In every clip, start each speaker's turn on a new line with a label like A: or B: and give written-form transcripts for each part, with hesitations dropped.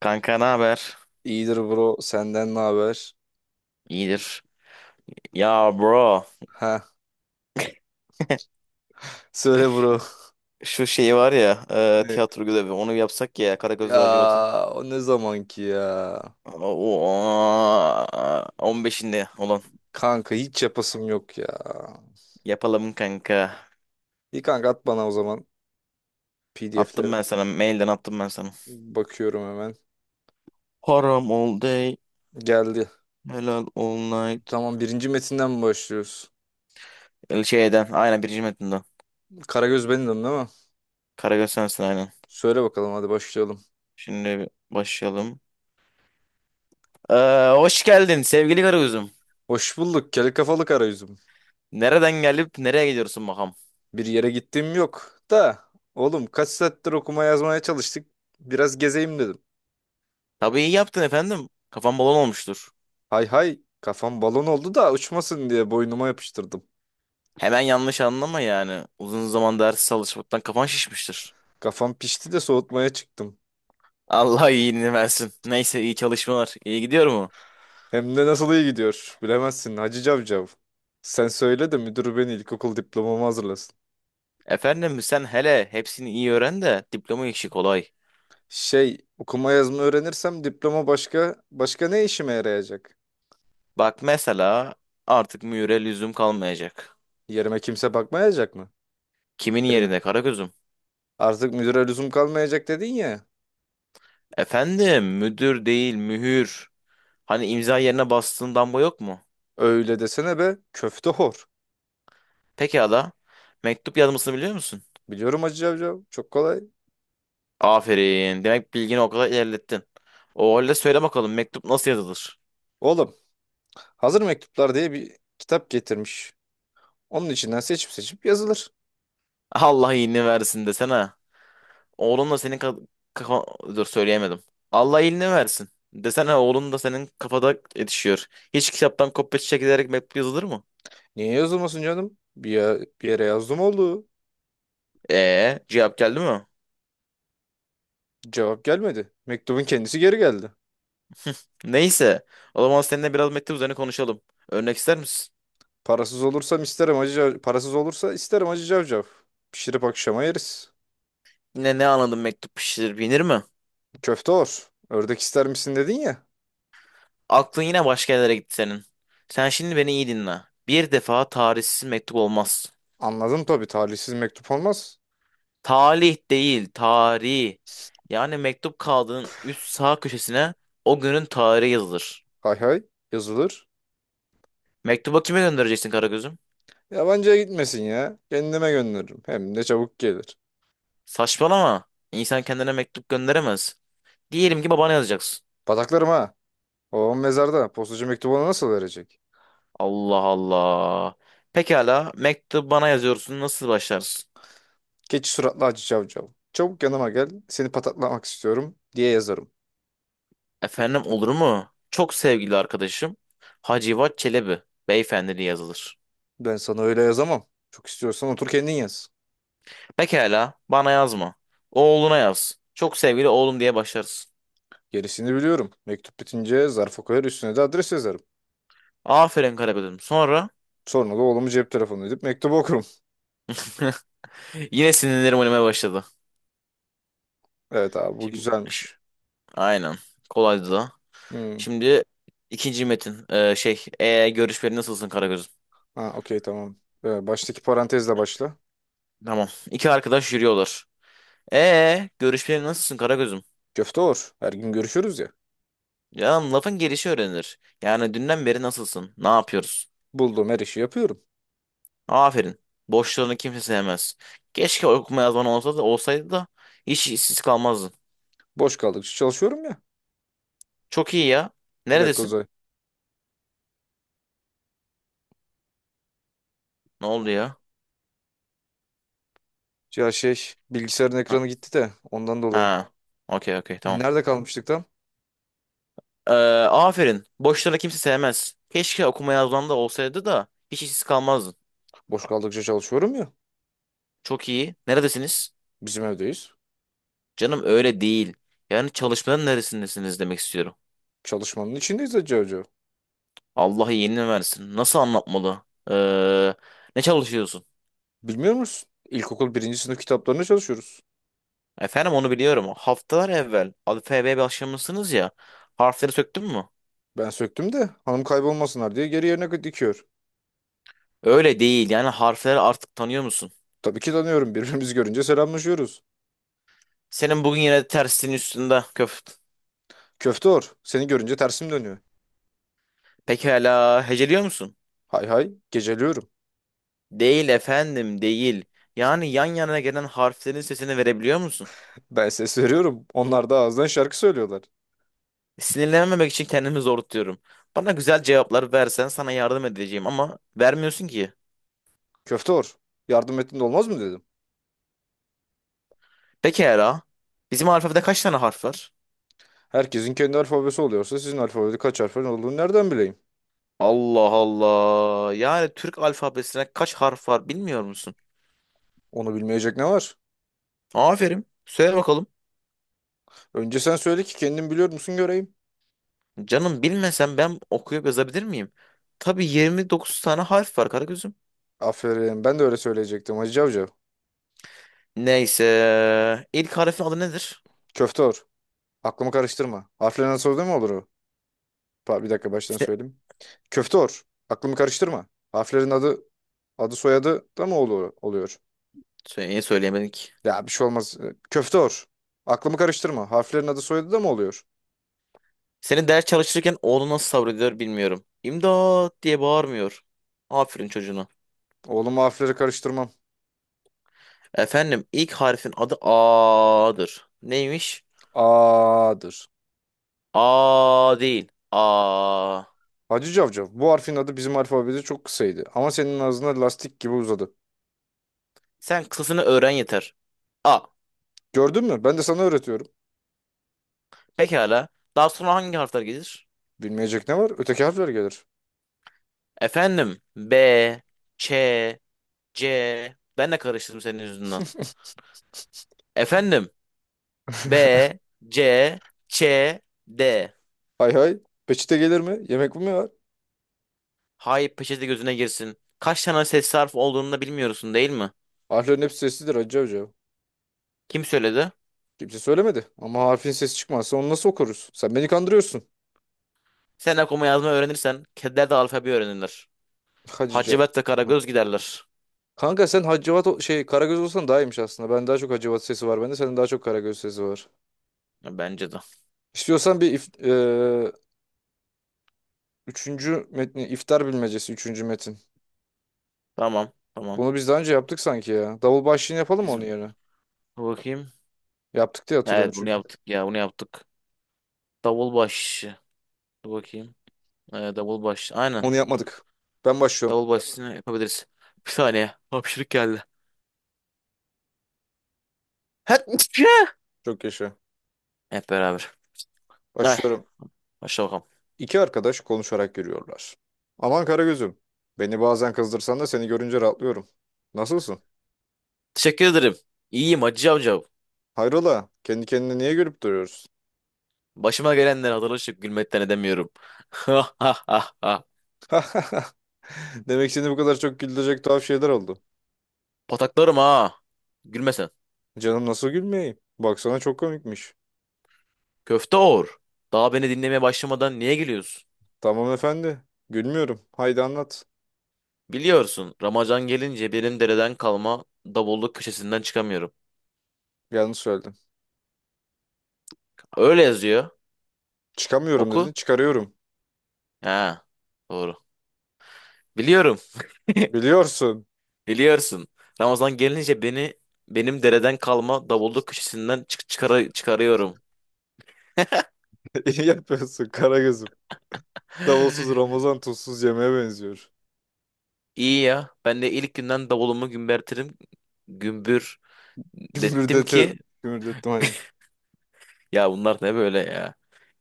A: Kanka ne haber?
B: İyidir bro. Senden ne haber?
A: İyidir. Ya bro,
B: Ha, söyle bro.
A: şu şey var ya,
B: Ne?
A: tiyatro görevi onu yapsak ya
B: Ya
A: Karagöz Lacivati.
B: o ne zamanki ya?
A: Oo, 15'inde olan
B: Kanka hiç yapasım yok ya.
A: yapalım kanka.
B: İyi kanka at bana o zaman
A: Attım
B: PDF'leri.
A: ben sana, mailden attım ben sana.
B: Bakıyorum hemen.
A: Haram all day,
B: Geldi.
A: helal all night.
B: Tamam, birinci metinden mi başlıyoruz?
A: El Şeyden, aynen birinci metinden.
B: Karagöz benimdim değil mi?
A: Karagöz sensin aynen.
B: Söyle bakalım, hadi başlayalım.
A: Şimdi başlayalım. Ee, Hoş geldin sevgili Karagöz'üm.
B: Hoş bulduk kel kafalı karagözüm.
A: Nereden gelip nereye gidiyorsun bakalım?
B: Bir yere gittiğim yok da. Oğlum, kaç saattir okuma yazmaya çalıştık. Biraz gezeyim dedim.
A: Tabii iyi yaptın efendim. Kafam balon olmuştur.
B: Hay hay, kafam balon oldu da uçmasın diye boynuma yapıştırdım.
A: Hemen yanlış anlama yani. Uzun zaman ders çalışmaktan kafan şişmiştir.
B: Kafam pişti de soğutmaya çıktım.
A: Allah iyiliğini versin. Neyse iyi çalışmalar. İyi gidiyor mu?
B: Hem de nasıl iyi gidiyor bilemezsin Hacı Cavcav. Sen söyle de müdür beni ilkokul diplomamı hazırlasın.
A: Efendim sen hele hepsini iyi öğren de diploma işi kolay.
B: Okuma yazma öğrenirsem diploma başka başka ne işime yarayacak?
A: Bak mesela artık mühüre lüzum kalmayacak.
B: Yerime kimse bakmayacak mı?
A: Kimin
B: Yerine.
A: yerine Karagöz'üm?
B: Artık müdüre lüzum kalmayacak dedin ya.
A: Efendim müdür değil mühür. Hani imza yerine bastığın damga yok mu?
B: Öyle desene be köfte hor.
A: Pekala. Mektup yazmasını biliyor musun?
B: Biliyorum Hacı Cavcav, çok kolay.
A: Aferin. Demek bilgini o kadar ilerlettin. O halde söyle bakalım mektup nasıl yazılır?
B: Oğlum hazır mektuplar diye bir kitap getirmiş. Onun içinden seçip seçip yazılır.
A: Allah iyiliğini versin desene. Oğlun da senin kafa... Dur söyleyemedim. Allah iyiliğini versin. Desene oğlun da senin kafada yetişiyor. Hiç kitaptan kopya çekilerek mektup yazılır mı?
B: Niye yazılmasın canım? Bir, bir yere yazdım oldu.
A: Cevap geldi mi?
B: Cevap gelmedi. Mektubun kendisi geri geldi.
A: Neyse. O zaman seninle biraz mektup üzerine konuşalım. Örnek ister misin?
B: Parasız olursam isterim acı parasız olursa isterim acı cavcav. Pişirip akşama yeriz.
A: Yine ne anladın mektup pişirir binir mi?
B: Köfte olur. Ördek ister misin dedin ya.
A: Aklın yine başka yerlere gitti senin. Sen şimdi beni iyi dinle. Bir defa tarihsiz mektup olmaz.
B: Anladım, tabii talihsiz mektup olmaz.
A: Talih değil, tarih. Yani mektup kağıdının üst sağ köşesine o günün tarihi yazılır.
B: Hay hay, yazılır.
A: Mektubu kime göndereceksin Karagöz'üm?
B: Yabancıya gitmesin ya. Kendime gönderirim. Hem de çabuk gelir.
A: Saçmalama. İnsan kendine mektup gönderemez. Diyelim ki babana yazacaksın.
B: Bataklarım ha. Babam mezarda. Postacı mektubu ona nasıl verecek?
A: Allah Allah. Pekala, mektup bana yazıyorsun. Nasıl başlarsın?
B: Geç suratlı acı cavcav. Çabuk yanıma gel. Seni patatlamak istiyorum diye yazarım.
A: Efendim olur mu? Çok sevgili arkadaşım Hacivat Çelebi beyefendiliği yazılır.
B: Ben sana öyle yazamam. Çok istiyorsan otur kendin yaz.
A: Pekala, bana yazma. Oğluna yaz. Çok sevgili oğlum diye başlarsın.
B: Gerisini biliyorum. Mektup bitince zarfa koyar, üstüne de adres yazarım.
A: Aferin Karagöz'üm. Sonra
B: Sonra da oğlumu cep telefonu edip mektubu okurum.
A: yine sinirlerim oynamaya başladı.
B: Evet abi, bu
A: Şimdi
B: güzelmiş.
A: aynen. Kolaydı da.
B: Hmm.
A: Şimdi ikinci metin. Görüşmelerin nasılsın Karagöz'üm?
B: Ha, okey, tamam. Baştaki parantezle başla.
A: Tamam. İki arkadaş yürüyorlar. Görüşmelerin nasılsın Karagöz'üm?
B: Köfte olur. Her gün görüşürüz ya.
A: Ya lafın gelişi öğrenilir. Yani dünden beri nasılsın? Ne yapıyoruz?
B: Bulduğum her işi yapıyorum.
A: Aferin. Boşlarını kimse sevmez. Keşke okuma yazman olsa da olsaydı da hiç işsiz kalmazdın.
B: Boş kaldıkça çalışıyorum ya.
A: Çok iyi ya.
B: Bir dakika
A: Neredesin?
B: Uzay.
A: Ne oldu ya?
B: Ya bilgisayarın
A: Ha,
B: ekranı gitti de ondan dolayı.
A: ha. Okey okey tamam.
B: Nerede kalmıştık tam?
A: Ee, Aferin. Boşlara kimse sevmez. Keşke okuma yazman da olsaydı da hiç işsiz kalmazdın.
B: Boş kaldıkça çalışıyorum ya.
A: Çok iyi. Neredesiniz?
B: Bizim evdeyiz.
A: Canım öyle değil. Yani çalışmanın neresindesiniz demek istiyorum.
B: Çalışmanın içindeyiz Hacı Hoca.
A: Allah iyiliğini versin. Nasıl anlatmalı? Ee, Ne çalışıyorsun?
B: Bilmiyor musun? İlkokul birinci sınıf kitaplarına çalışıyoruz.
A: Efendim onu biliyorum. Haftalar evvel alfabeye başlamışsınız ya. Harfleri söktün mü?
B: Ben söktüm de hanım kaybolmasınlar diye geri yerine dikiyor.
A: Öyle değil. Yani harfleri artık tanıyor musun?
B: Tabii ki tanıyorum. Birbirimizi görünce selamlaşıyoruz.
A: Senin bugün yine tersinin üstünde köft.
B: Köfte or. Seni görünce tersim dönüyor.
A: Pekala heceliyor musun?
B: Hay hay. Geceliyorum.
A: Değil efendim, değil. Yani yan yana gelen harflerin sesini verebiliyor musun?
B: Ben ses veriyorum. Onlar da ağızdan şarkı söylüyorlar.
A: Sinirlenmemek için kendimi zor tutuyorum. Bana güzel cevaplar versen sana yardım edeceğim ama vermiyorsun ki.
B: Köfte or. Yardım ettin de olmaz mı dedim.
A: Pekala. Bizim alfabede kaç tane harf var?
B: Herkesin kendi alfabesi oluyorsa sizin alfabede kaç harfin olduğunu nereden bileyim?
A: Allah Allah. Yani Türk alfabesine kaç harf var bilmiyor musun?
B: Onu bilmeyecek ne var?
A: Aferin. Söyle bakalım.
B: Önce sen söyle ki kendin biliyor musun göreyim.
A: Canım bilmesem ben okuyup yazabilir miyim? Tabii 29 tane harf var Karagöz'üm.
B: Aferin. Ben de öyle söyleyecektim Hacı Avcı.
A: Neyse. İlk harfin adı nedir?
B: Köfteor. Aklımı karıştırma. Harflerin adı soruda mı olur o? Bir dakika baştan
A: İşte
B: söyleyeyim. Köfteor. Aklımı karıştırma. Harflerin adı soyadı da mı olur, oluyor?
A: söyleyemedik.
B: Ya bir şey olmaz. Köfteor. Aklımı karıştırma. Harflerin adı soyadı da mı oluyor?
A: Senin ders çalışırken oğlu nasıl sabrediyor bilmiyorum. İmdat diye bağırmıyor. Aferin çocuğuna.
B: Oğlum harfleri karıştırmam.
A: Efendim ilk harfin adı A'dır. Neymiş?
B: A'dır.
A: A değil. A.
B: Hacı Cavcav. Bu harfin adı bizim alfabede çok kısaydı. Ama senin ağzına lastik gibi uzadı.
A: Sen kısasını öğren yeter. A.
B: Gördün mü? Ben de sana öğretiyorum.
A: Pekala. Daha sonra hangi harfler gelir?
B: Bilmeyecek ne var? Öteki harfler gelir.
A: Efendim B, Ç, C. Ben de karıştırdım senin yüzünden. Efendim B, C, Ç, D.
B: Hay hay. Peçete gelir mi? Yemek mi var?
A: Hay peçete gözüne girsin. Kaç tane ses harf olduğunu da bilmiyorsun değil mi?
B: Harflerin hepsi sessizdir Hacı Hoca.
A: Kim söyledi?
B: Kimse söylemedi. Ama harfin sesi çıkmazsa onu nasıl okuruz? Sen beni kandırıyorsun.
A: Sen okuma yazma öğrenirsen kediler de alfabe öğrenirler.
B: Hacıca.
A: Hacivat ve
B: Hı.
A: Karagöz giderler.
B: Kanka sen Hacivat Karagöz olsan daha iyiymiş aslında. Ben daha çok Hacivat sesi var bende. Senin daha çok Karagöz sesi var.
A: Ya bence de.
B: İstiyorsan bir if, e, üçüncü metni, iftar bilmecesi üçüncü metin.
A: Tamam. Tamam.
B: Bunu biz daha önce yaptık sanki ya. Davul başlığını yapalım mı onun
A: Dur
B: yerine?
A: bakayım.
B: Yaptık diye hatırlıyorum
A: Evet bunu
B: çünkü.
A: yaptık ya bunu yaptık. Davulbaş. Dur bakayım. Davulbaş. Aynen.
B: Onu yapmadık. Ben başlıyorum.
A: Davulbaşını yapabiliriz. Bir saniye. Hapşırık geldi. Hep
B: Çok yaşa.
A: Hep beraber. Ay,
B: Başlıyorum.
A: başla bakalım.
B: İki arkadaş konuşarak yürüyorlar. Aman Karagöz'üm, beni bazen kızdırsan da seni görünce rahatlıyorum. Nasılsın?
A: Teşekkür ederim. İyiyim Hacı amca.
B: Hayrola, kendi kendine niye gülüp duruyoruz?
A: Başıma gelenleri hatırlaşıp gülmekten edemiyorum. Ha ha ha ha
B: Demek seni bu kadar çok güldürecek tuhaf şeyler oldu.
A: pataklarım ha. Gülme sen.
B: Canım nasıl gülmeyeyim? Baksana çok komikmiş.
A: Köfte Oğur, daha beni dinlemeye başlamadan niye geliyorsun?
B: Tamam efendi, gülmüyorum. Haydi anlat.
A: Biliyorsun, Ramazan gelince benim dereden kalma davulluk köşesinden çıkamıyorum.
B: Yanlış söyledim.
A: Öyle yazıyor.
B: Çıkamıyorum
A: Oku.
B: dedin, çıkarıyorum.
A: Ha, doğru. Biliyorum.
B: Biliyorsun.
A: Biliyorsun. Ramazan gelince beni Benim dereden kalma davulluk köşesinden çıkarıyorum.
B: İyi yapıyorsun Karagöz'üm. Davulsuz Ramazan tuzsuz yemeğe benziyor.
A: İyi ya. Ben de ilk günden davulumu gümbürtirim. Gümbür Dettim
B: Gümürdeti,
A: ki
B: gümürdettim.
A: ya bunlar ne böyle ya?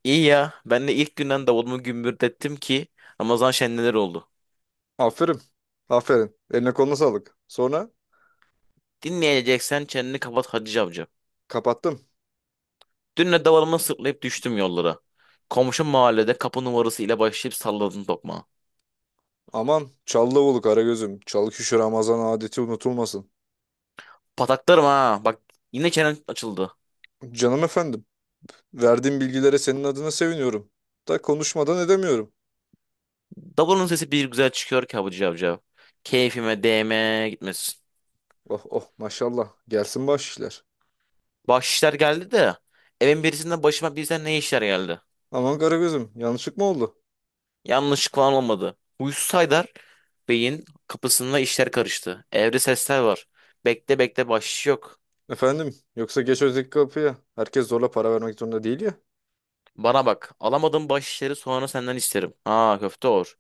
A: İyi ya. Ben de ilk günden davulumu gümbürdettim ki Ramazan şenliler oldu.
B: Aferin. Aferin. Eline koluna sağlık. Sonra
A: Dinleyeceksen çeneni kapat Hacı amca.
B: kapattım.
A: Dün de davulumu sırtlayıp düştüm yollara. Komşu mahallede kapı numarası ile başlayıp salladım tokmağı.
B: Aman Çallıoğlu Karagöz'üm. Çalıkuşu Ramazan adeti unutulmasın.
A: Pataklarım ha. Bak yine çenen açıldı.
B: Canım efendim. Verdiğim bilgilere senin adına seviniyorum. Da konuşmadan edemiyorum.
A: Davulun sesi bir güzel çıkıyor ki Hacı amca. Keyfime değme gitmesin.
B: Oh oh maşallah. Gelsin baş işler.
A: Bahşişler geldi de evin birisinden başıma birden ne işler geldi.
B: Aman Karagöz'üm, yanlışlık mı oldu?
A: Yanlışlık falan olmadı. Huysuz Haydar Beyin kapısında işler karıştı. Evde sesler var. Bekle bekle bahşiş yok.
B: Efendim yoksa geç öteki kapıya. Herkes zorla para vermek zorunda değil ya.
A: Bana bak. Alamadığım bahşişleri sonra senden isterim. Ha köfte olur.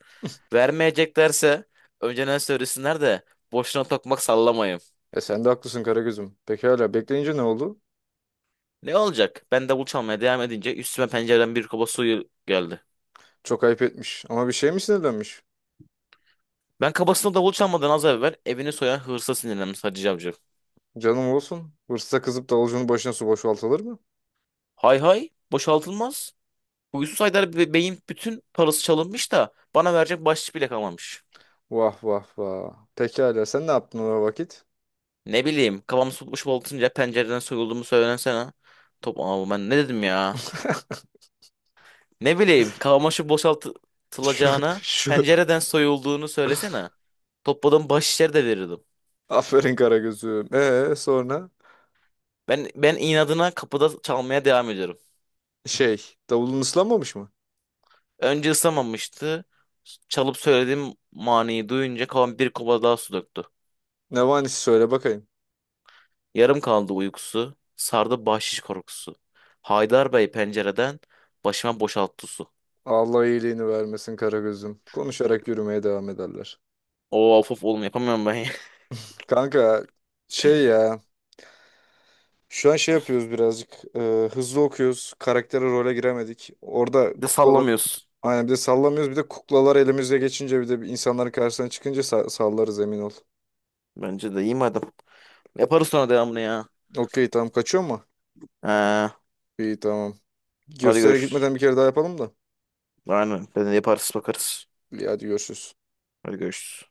A: Vermeyeceklerse önceden söylesinler de boşuna tokmak sallamayın.
B: E sen de haklısın Karagöz'üm. Pekala, bekleyince ne oldu?
A: Ne olacak? Ben davul çalmaya devam edince üstüme pencereden bir kaba suyu geldi.
B: Çok ayıp etmiş. Ama bir şey mi sinirlenmiş?
A: Ben kabasına davul çalmadan az evvel evini soyan hırsa sinirlenmiş Hacı Cavcı.
B: Canım olsun. Hırsıza kızıp davulcunun başına su boşaltılır mı?
A: Hay hay boşaltılmaz. Huysuz Haydar Bey'in bütün parası çalınmış da bana verecek bahşiş bile kalmamış.
B: Vah vah vah. Pekala sen ne yaptın o vakit?
A: Ne bileyim kafamı futboş atınca pencereden soyulduğumu söylensene. Top ama ben ne dedim ya? Ne bileyim kafama şu boşaltılacağına
B: Şu
A: pencereden soyulduğunu söylesene. Topladım baş içeri de verirdim.
B: aferin Karagöz'üm. Sonra
A: Ben inadına kapıda çalmaya devam ediyorum.
B: davulun ıslanmamış mı?
A: Önce ısınamamıştı. Çalıp söylediğim maniyi duyunca kafam bir kova daha su döktü.
B: Ne vanisi söyle bakayım.
A: Yarım kaldı uykusu. Sardı bahşiş korkusu. Haydar Bey pencereden başıma boşalttı su.
B: Allah iyiliğini vermesin Karagöz'üm. Konuşarak yürümeye devam ederler.
A: Oo of of oğlum yapamıyorum ben ya.
B: Kanka şey ya şu an şey yapıyoruz birazcık hızlı okuyoruz. Karaktere role giremedik. Orada
A: Bir de
B: kuklalar
A: sallamıyorsun.
B: aynen, bir de sallamıyoruz, bir de kuklalar elimize geçince, bir de insanların karşısına çıkınca sallarız emin ol.
A: Bence de iyi madem. Yaparız sonra devamını ya.
B: Okey tamam, kaçıyor mu?
A: Ha,
B: İyi tamam.
A: hadi
B: Göstere
A: görüşürüz.
B: gitmeden bir kere daha yapalım da.
A: Aynen. Ben de yaparız bakarız.
B: İyi, hadi görüşürüz.
A: Hadi görüşürüz.